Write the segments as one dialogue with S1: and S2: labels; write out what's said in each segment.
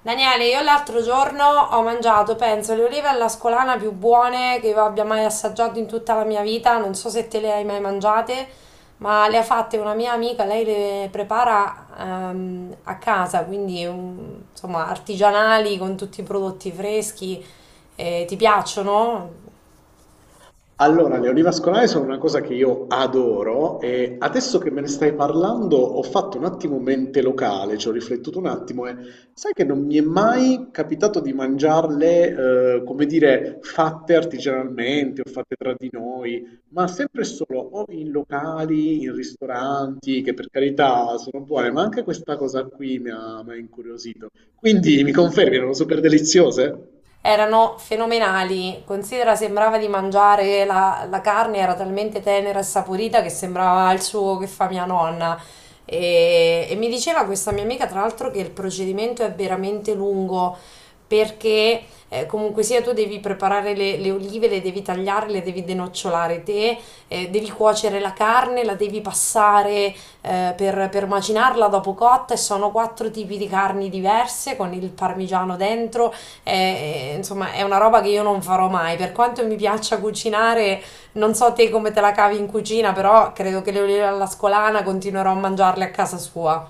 S1: Daniele, io l'altro giorno ho mangiato, penso, le olive alla scolana più buone che io abbia mai assaggiato in tutta la mia vita. Non so se te le hai mai mangiate, ma le ha fatte una mia amica, lei le prepara a casa, quindi insomma artigianali con tutti i prodotti freschi. Ti piacciono?
S2: Allora, le vascolari sono una cosa che io adoro e adesso che me ne stai parlando ho fatto un attimo mente locale, ci ho riflettuto un attimo e sai che non mi è mai capitato di mangiarle, come dire, fatte artigianalmente o fatte tra di noi, ma sempre e solo o in locali, in ristoranti, che per carità sono buone, ma anche questa cosa qui mi ha incuriosito. Quindi mi confermi, erano super deliziose?
S1: Erano fenomenali. Considera, sembrava di mangiare la carne, era talmente tenera e saporita che sembrava il suo che fa mia nonna. E mi diceva questa mia amica, tra l'altro, che il procedimento è veramente lungo perché comunque sia tu devi preparare le olive, le devi tagliare, le devi denocciolare te, devi cuocere la carne, la devi passare per macinarla dopo cotta e sono quattro tipi di carni diverse con il parmigiano dentro. È, insomma, è una roba che io non farò mai. Per quanto mi piaccia cucinare, non so te come te la cavi in cucina, però credo che le olive alla scolana continuerò a mangiarle a casa sua.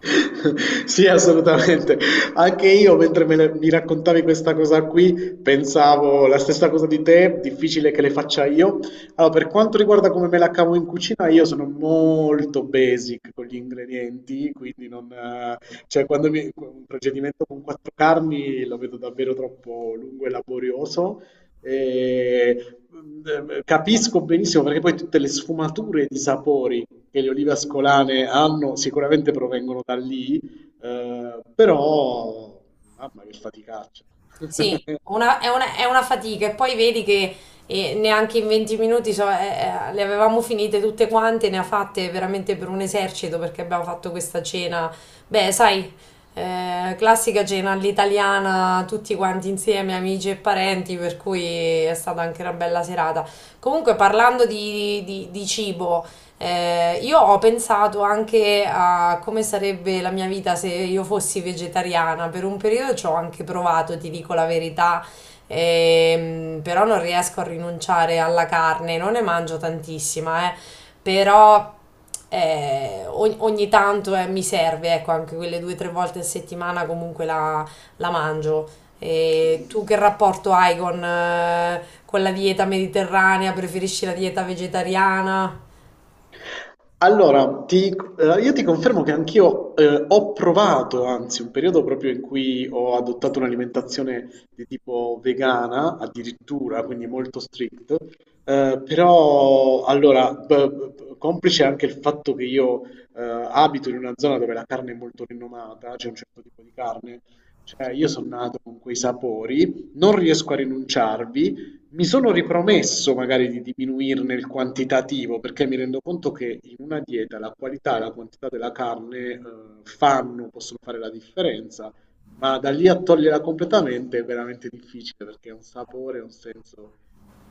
S2: Sì, assolutamente. Anche io, mi raccontavi questa cosa qui, pensavo la stessa cosa di te, difficile che le faccia io. Allora, per quanto riguarda come me la cavo in cucina, io sono molto basic con gli ingredienti, quindi non, cioè, quando mi, un procedimento con quattro carni lo vedo davvero troppo lungo e laborioso. E, mm, Capisco benissimo perché poi tutte le sfumature di sapori che le olive ascolane hanno sicuramente provengono da lì, però mamma che faticaccia.
S1: Sì, è una fatica e poi vedi che neanche in 20 minuti so, le avevamo finite tutte quante, ne ha fatte veramente per un esercito perché abbiamo fatto questa cena, beh, sai, classica cena all'italiana, tutti quanti insieme, amici e parenti, per cui è stata anche una bella serata. Comunque parlando di cibo, io ho pensato anche a come sarebbe la mia vita se io fossi vegetariana. Per un periodo ci ho anche provato, ti dico la verità, però non riesco a rinunciare alla carne, non ne mangio tantissima, però ogni tanto mi serve, ecco, anche quelle due o tre volte a settimana comunque la mangio. E tu che rapporto hai con la dieta mediterranea? Preferisci la dieta vegetariana?
S2: Allora, ti, io ti confermo che anch'io ho provato, anzi, un periodo proprio in cui ho adottato un'alimentazione di tipo vegana, addirittura, quindi molto strict, però allora, complice anche il fatto che io eh, abito in una zona dove la carne è molto rinomata, c'è un certo tipo di carne, cioè io sono nato con quei sapori, non riesco a rinunciarvi. Mi sono ripromesso magari di diminuirne il quantitativo perché mi rendo conto che in una dieta la qualità e la quantità della carne, possono fare la differenza, ma da lì a toglierla completamente è veramente difficile perché è un sapore, un senso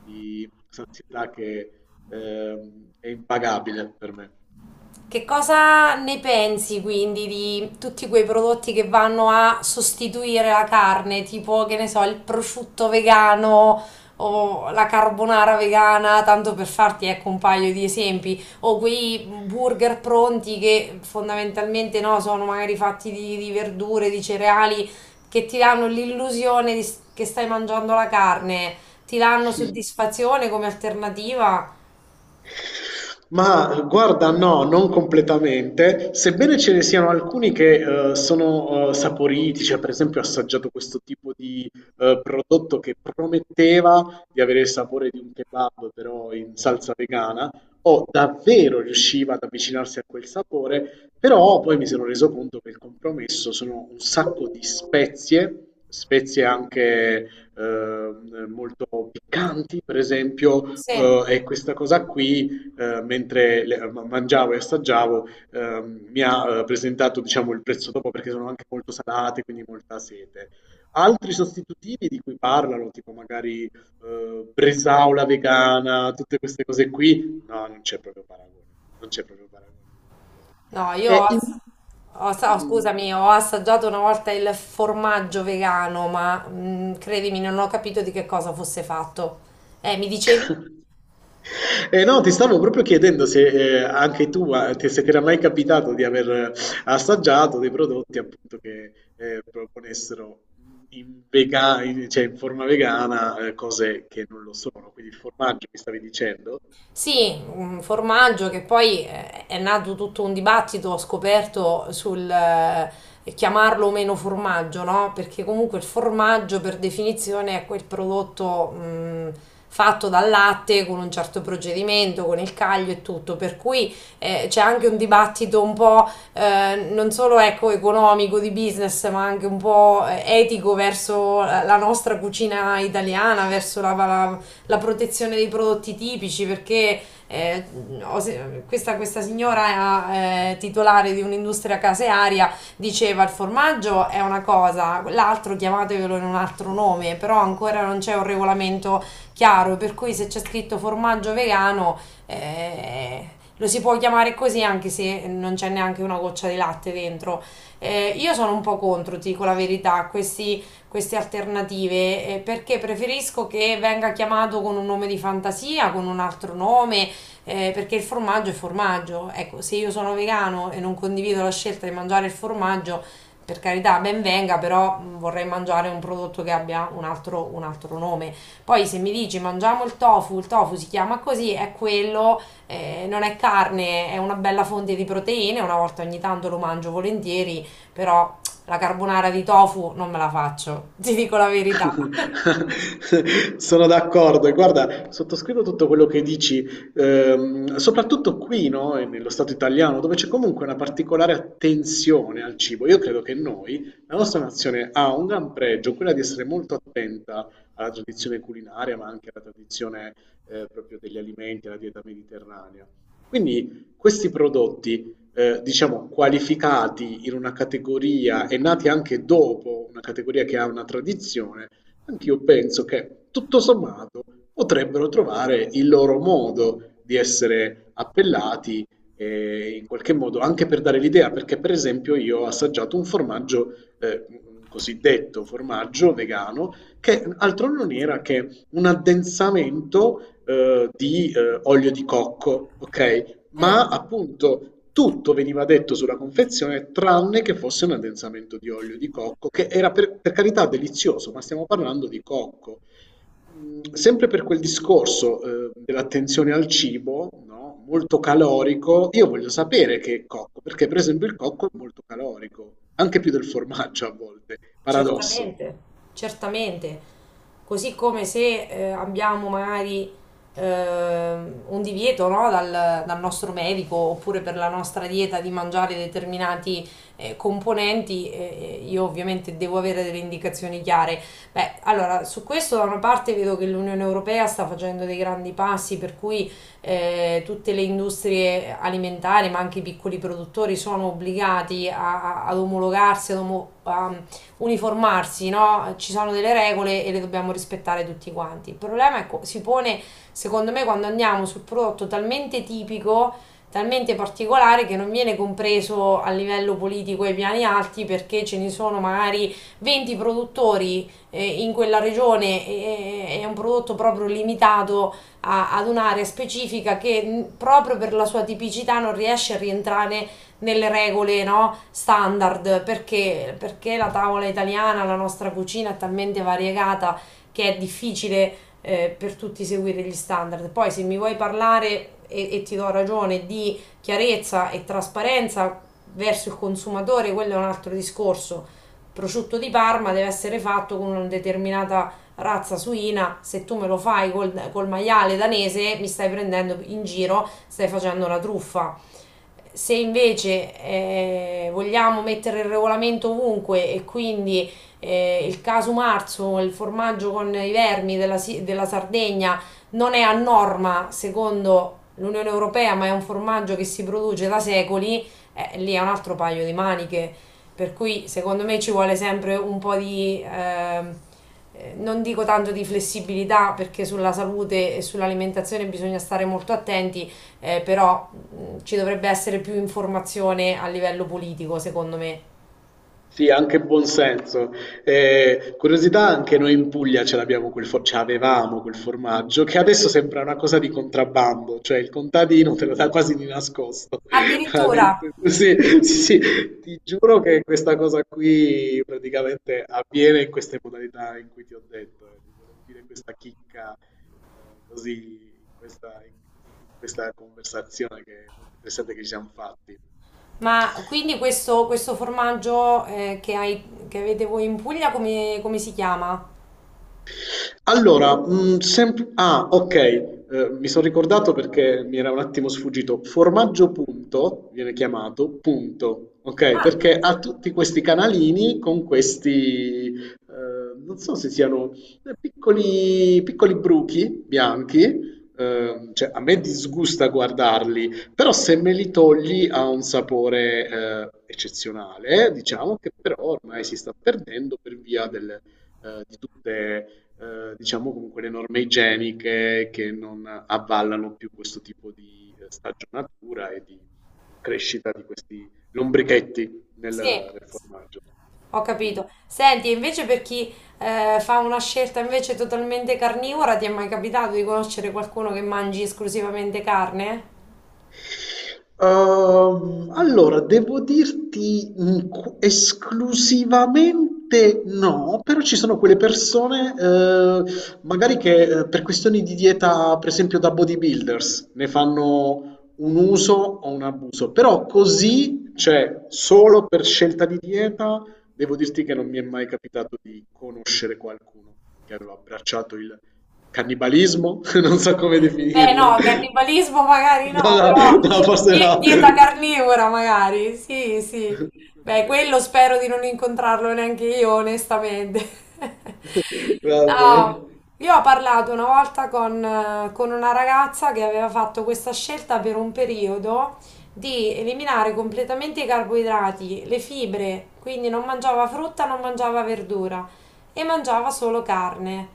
S2: di sazietà che, è impagabile per me.
S1: Che cosa ne pensi quindi di tutti quei prodotti che vanno a sostituire la carne, tipo che ne so, il prosciutto vegano o la carbonara vegana, tanto per farti ecco un paio di esempi, o quei burger pronti che fondamentalmente no, sono magari fatti di verdure, di cereali, che ti danno l'illusione che stai mangiando la carne, ti danno soddisfazione come alternativa?
S2: Ma guarda, no, non completamente, sebbene ce ne siano alcuni che sono saporiti, cioè per esempio ho assaggiato questo tipo di prodotto che prometteva di avere il sapore di un kebab, però in salsa vegana, o davvero riusciva ad avvicinarsi a quel sapore, però poi mi sono reso conto che il compromesso sono un sacco di spezie, spezie anche molto piccanti, per esempio,
S1: Sì.
S2: e questa cosa qui mangiavo e assaggiavo, mi ha presentato, diciamo, il prezzo dopo perché sono anche molto salate, quindi molta sete. Altri sostitutivi di cui parlano, tipo magari bresaola vegana, tutte queste cose qui, no, non c'è proprio paragone, non c'è proprio paragone, a mio parere.
S1: No, io
S2: E in-
S1: ho ass- oh,
S2: Mm.
S1: scusami, ho assaggiato una volta il formaggio vegano, ma credimi, non ho capito di che cosa fosse fatto. Mi dicevi?
S2: No, ti stavo proprio chiedendo se se ti era mai capitato di aver assaggiato dei prodotti appunto che proponessero cioè in forma vegana cose che non lo sono, quindi il formaggio mi stavi dicendo?
S1: Sì, un formaggio che poi è nato tutto un dibattito, ho scoperto sul chiamarlo o meno formaggio, no? Perché comunque il formaggio per definizione è quel prodotto fatto dal latte con un certo procedimento, con il caglio e tutto, per cui c'è anche un dibattito un po' non solo ecco, economico di business, ma anche un po' etico verso la nostra cucina italiana, verso la protezione dei prodotti tipici perché eh, ho se- questa signora titolare di un'industria casearia diceva il formaggio è una cosa, l'altro chiamatevelo in un altro nome, però ancora non c'è un regolamento chiaro, per cui se c'è scritto formaggio vegano eh, lo si può chiamare così anche se non c'è neanche una goccia di latte dentro. Io sono un po' contro, ti dico la verità, questi queste alternative perché preferisco che venga chiamato con un nome di fantasia, con un altro nome, perché il formaggio è formaggio. Ecco, se io sono vegano e non condivido la scelta di mangiare il formaggio, per carità, ben venga, però vorrei mangiare un prodotto che abbia un altro nome. Poi se mi dici mangiamo il tofu si chiama così, è quello, non è carne, è una bella fonte di proteine, una volta ogni tanto lo mangio volentieri, però la carbonara di tofu non me la faccio, ti dico la verità.
S2: Sono d'accordo e guarda, sottoscrivo tutto quello che dici, soprattutto qui, no, e nello Stato italiano, dove c'è comunque una particolare attenzione al cibo. Io credo che noi, la nostra nazione, ha un gran pregio, quella di essere molto attenta alla tradizione culinaria, ma anche alla tradizione, proprio degli alimenti, alla dieta mediterranea. Quindi questi prodotti diciamo, qualificati in una categoria e nati anche dopo una categoria che ha una tradizione, anch'io penso che tutto sommato potrebbero trovare il loro modo di essere appellati in qualche modo anche per dare l'idea, perché per esempio io ho assaggiato un formaggio, un cosiddetto formaggio vegano, che altro non era che un addensamento di olio di cocco, ok?
S1: Mm.
S2: Ma appunto tutto veniva detto sulla confezione tranne che fosse un addensamento di olio di cocco, che era per carità delizioso, ma stiamo parlando di cocco. Mm. Sempre per quel discorso, dell'attenzione al cibo, no? Molto calorico, io voglio sapere che è cocco, perché per esempio il cocco è molto calorico, anche più del formaggio a volte, paradosso.
S1: Certamente, certamente. Così come se abbiamo magari un divieto, no, dal nostro medico oppure per la nostra dieta di mangiare determinati componenti, io ovviamente devo avere delle indicazioni chiare. Beh, allora, su questo da una parte vedo che l'Unione Europea sta facendo dei grandi passi, per cui tutte le industrie alimentari, ma anche i piccoli produttori, sono obbligati ad omologarsi, uniformarsi, no? Ci sono delle regole e le dobbiamo rispettare tutti quanti. Il problema si pone, secondo me, quando andiamo sul prodotto talmente tipico, talmente particolare che non viene compreso a livello politico ai piani alti perché ce ne sono magari 20 produttori in quella regione è un prodotto proprio limitato ad un'area specifica che proprio per la sua tipicità non riesce a rientrare nelle regole, no, standard perché la tavola italiana, la nostra cucina è talmente variegata che è difficile per tutti seguire gli standard. Poi se mi vuoi parlare e ti do ragione di chiarezza e trasparenza verso il consumatore, quello è un altro discorso. Prosciutto di Parma deve essere fatto con una determinata razza suina, se tu me lo fai col maiale danese mi stai prendendo in giro, stai facendo una truffa. Se invece vogliamo mettere il regolamento ovunque e quindi il caso marzo, il formaggio con i vermi della Sardegna non è a norma secondo l'Unione Europea, ma è un formaggio che si produce da secoli, lì è un altro paio di maniche. Per cui secondo me ci vuole sempre un po' di, non dico tanto di flessibilità, perché sulla salute e sull'alimentazione bisogna stare molto attenti, però ci dovrebbe essere più informazione a livello politico, secondo me.
S2: Sì, anche buon senso. Curiosità, anche noi in Puglia ce l'avevamo quel formaggio, che adesso sembra una cosa di contrabbando, cioè il contadino te lo dà quasi di nascosto.
S1: Addirittura,
S2: Sì, sì, sì, ti giuro che questa cosa qui praticamente avviene in queste modalità in cui ti ho detto. Ti volevo dire questa chicca, così, in questa, in in questa conversazione che è molto interessante che ci siamo fatti.
S1: ma quindi questo formaggio che hai, che avete voi in Puglia, come si chiama?
S2: Okay. Mi son ricordato perché mi era un attimo sfuggito. Formaggio Punto viene chiamato, punto, okay, perché ha tutti questi canalini con questi, non so se siano, piccoli piccoli bruchi bianchi, cioè a me disgusta guardarli, però se me li togli ha un sapore, eccezionale, diciamo, che però ormai si sta perdendo per via del di tutte diciamo comunque le norme igieniche che non avvallano più questo tipo di, stagionatura e di crescita di questi lombrichetti nel
S1: Sì,
S2: nel formaggio.
S1: ho
S2: Mh-mh.
S1: capito. Senti, e invece per chi fa una scelta invece totalmente carnivora, ti è mai capitato di conoscere qualcuno che mangi esclusivamente carne?
S2: Allora, devo dirti esclusivamente no, però ci sono quelle persone, magari che per questioni di dieta, per esempio da bodybuilders, ne fanno un uso o un abuso, però così, cioè solo per scelta di dieta, devo dirti che non mi è mai capitato di conoscere qualcuno che aveva abbracciato il cannibalismo, non so come
S1: Beh,
S2: definirlo.
S1: no, cannibalismo magari no,
S2: No, no,
S1: però
S2: no, forse
S1: die-
S2: no.
S1: dieta carnivora magari, sì, sì. Beh,
S2: Ok.
S1: quello spero di non incontrarlo neanche io, onestamente.
S2: Va
S1: No,
S2: bene.
S1: io ho parlato una volta con una ragazza che aveva fatto questa scelta per un periodo di eliminare completamente i carboidrati, le fibre, quindi non mangiava frutta, non mangiava verdura e mangiava solo carne.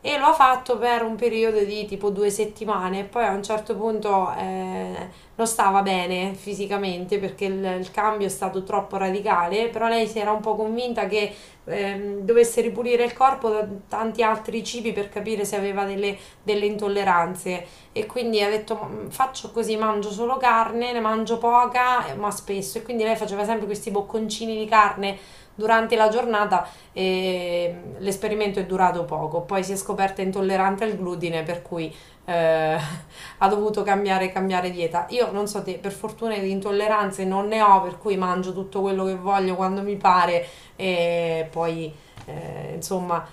S1: E lo ha fatto per un periodo di tipo 2 settimane, poi a un certo punto non stava bene fisicamente perché il cambio è stato troppo radicale, però lei si era un po' convinta che dovesse ripulire il corpo da tanti altri cibi per capire se aveva delle intolleranze e quindi ha detto Faccio così, mangio solo carne, ne mangio poca ma spesso e quindi lei faceva sempre questi bocconcini di carne durante la giornata e l'esperimento è durato poco, poi si è scoperta intollerante al glutine per cui eh, ha dovuto cambiare dieta. Io non so te, per fortuna di intolleranze non ne ho, per cui mangio tutto quello che voglio quando mi pare e poi insomma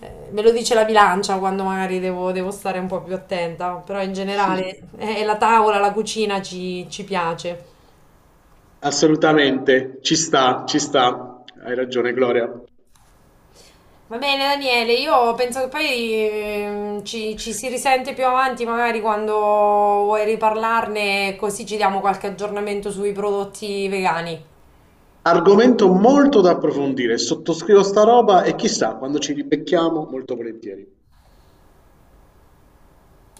S1: me lo dice la bilancia quando magari devo stare un po' più attenta, però in generale la tavola, la cucina ci piace.
S2: Assolutamente, ci sta, ci sta. Hai ragione, Gloria.
S1: Va bene Daniele, io penso che poi ci si risente più avanti, magari quando vuoi riparlarne, così ci diamo qualche aggiornamento sui prodotti vegani.
S2: Argomento molto da approfondire. Sottoscrivo sta roba e chissà, quando ci ribecchiamo, molto volentieri.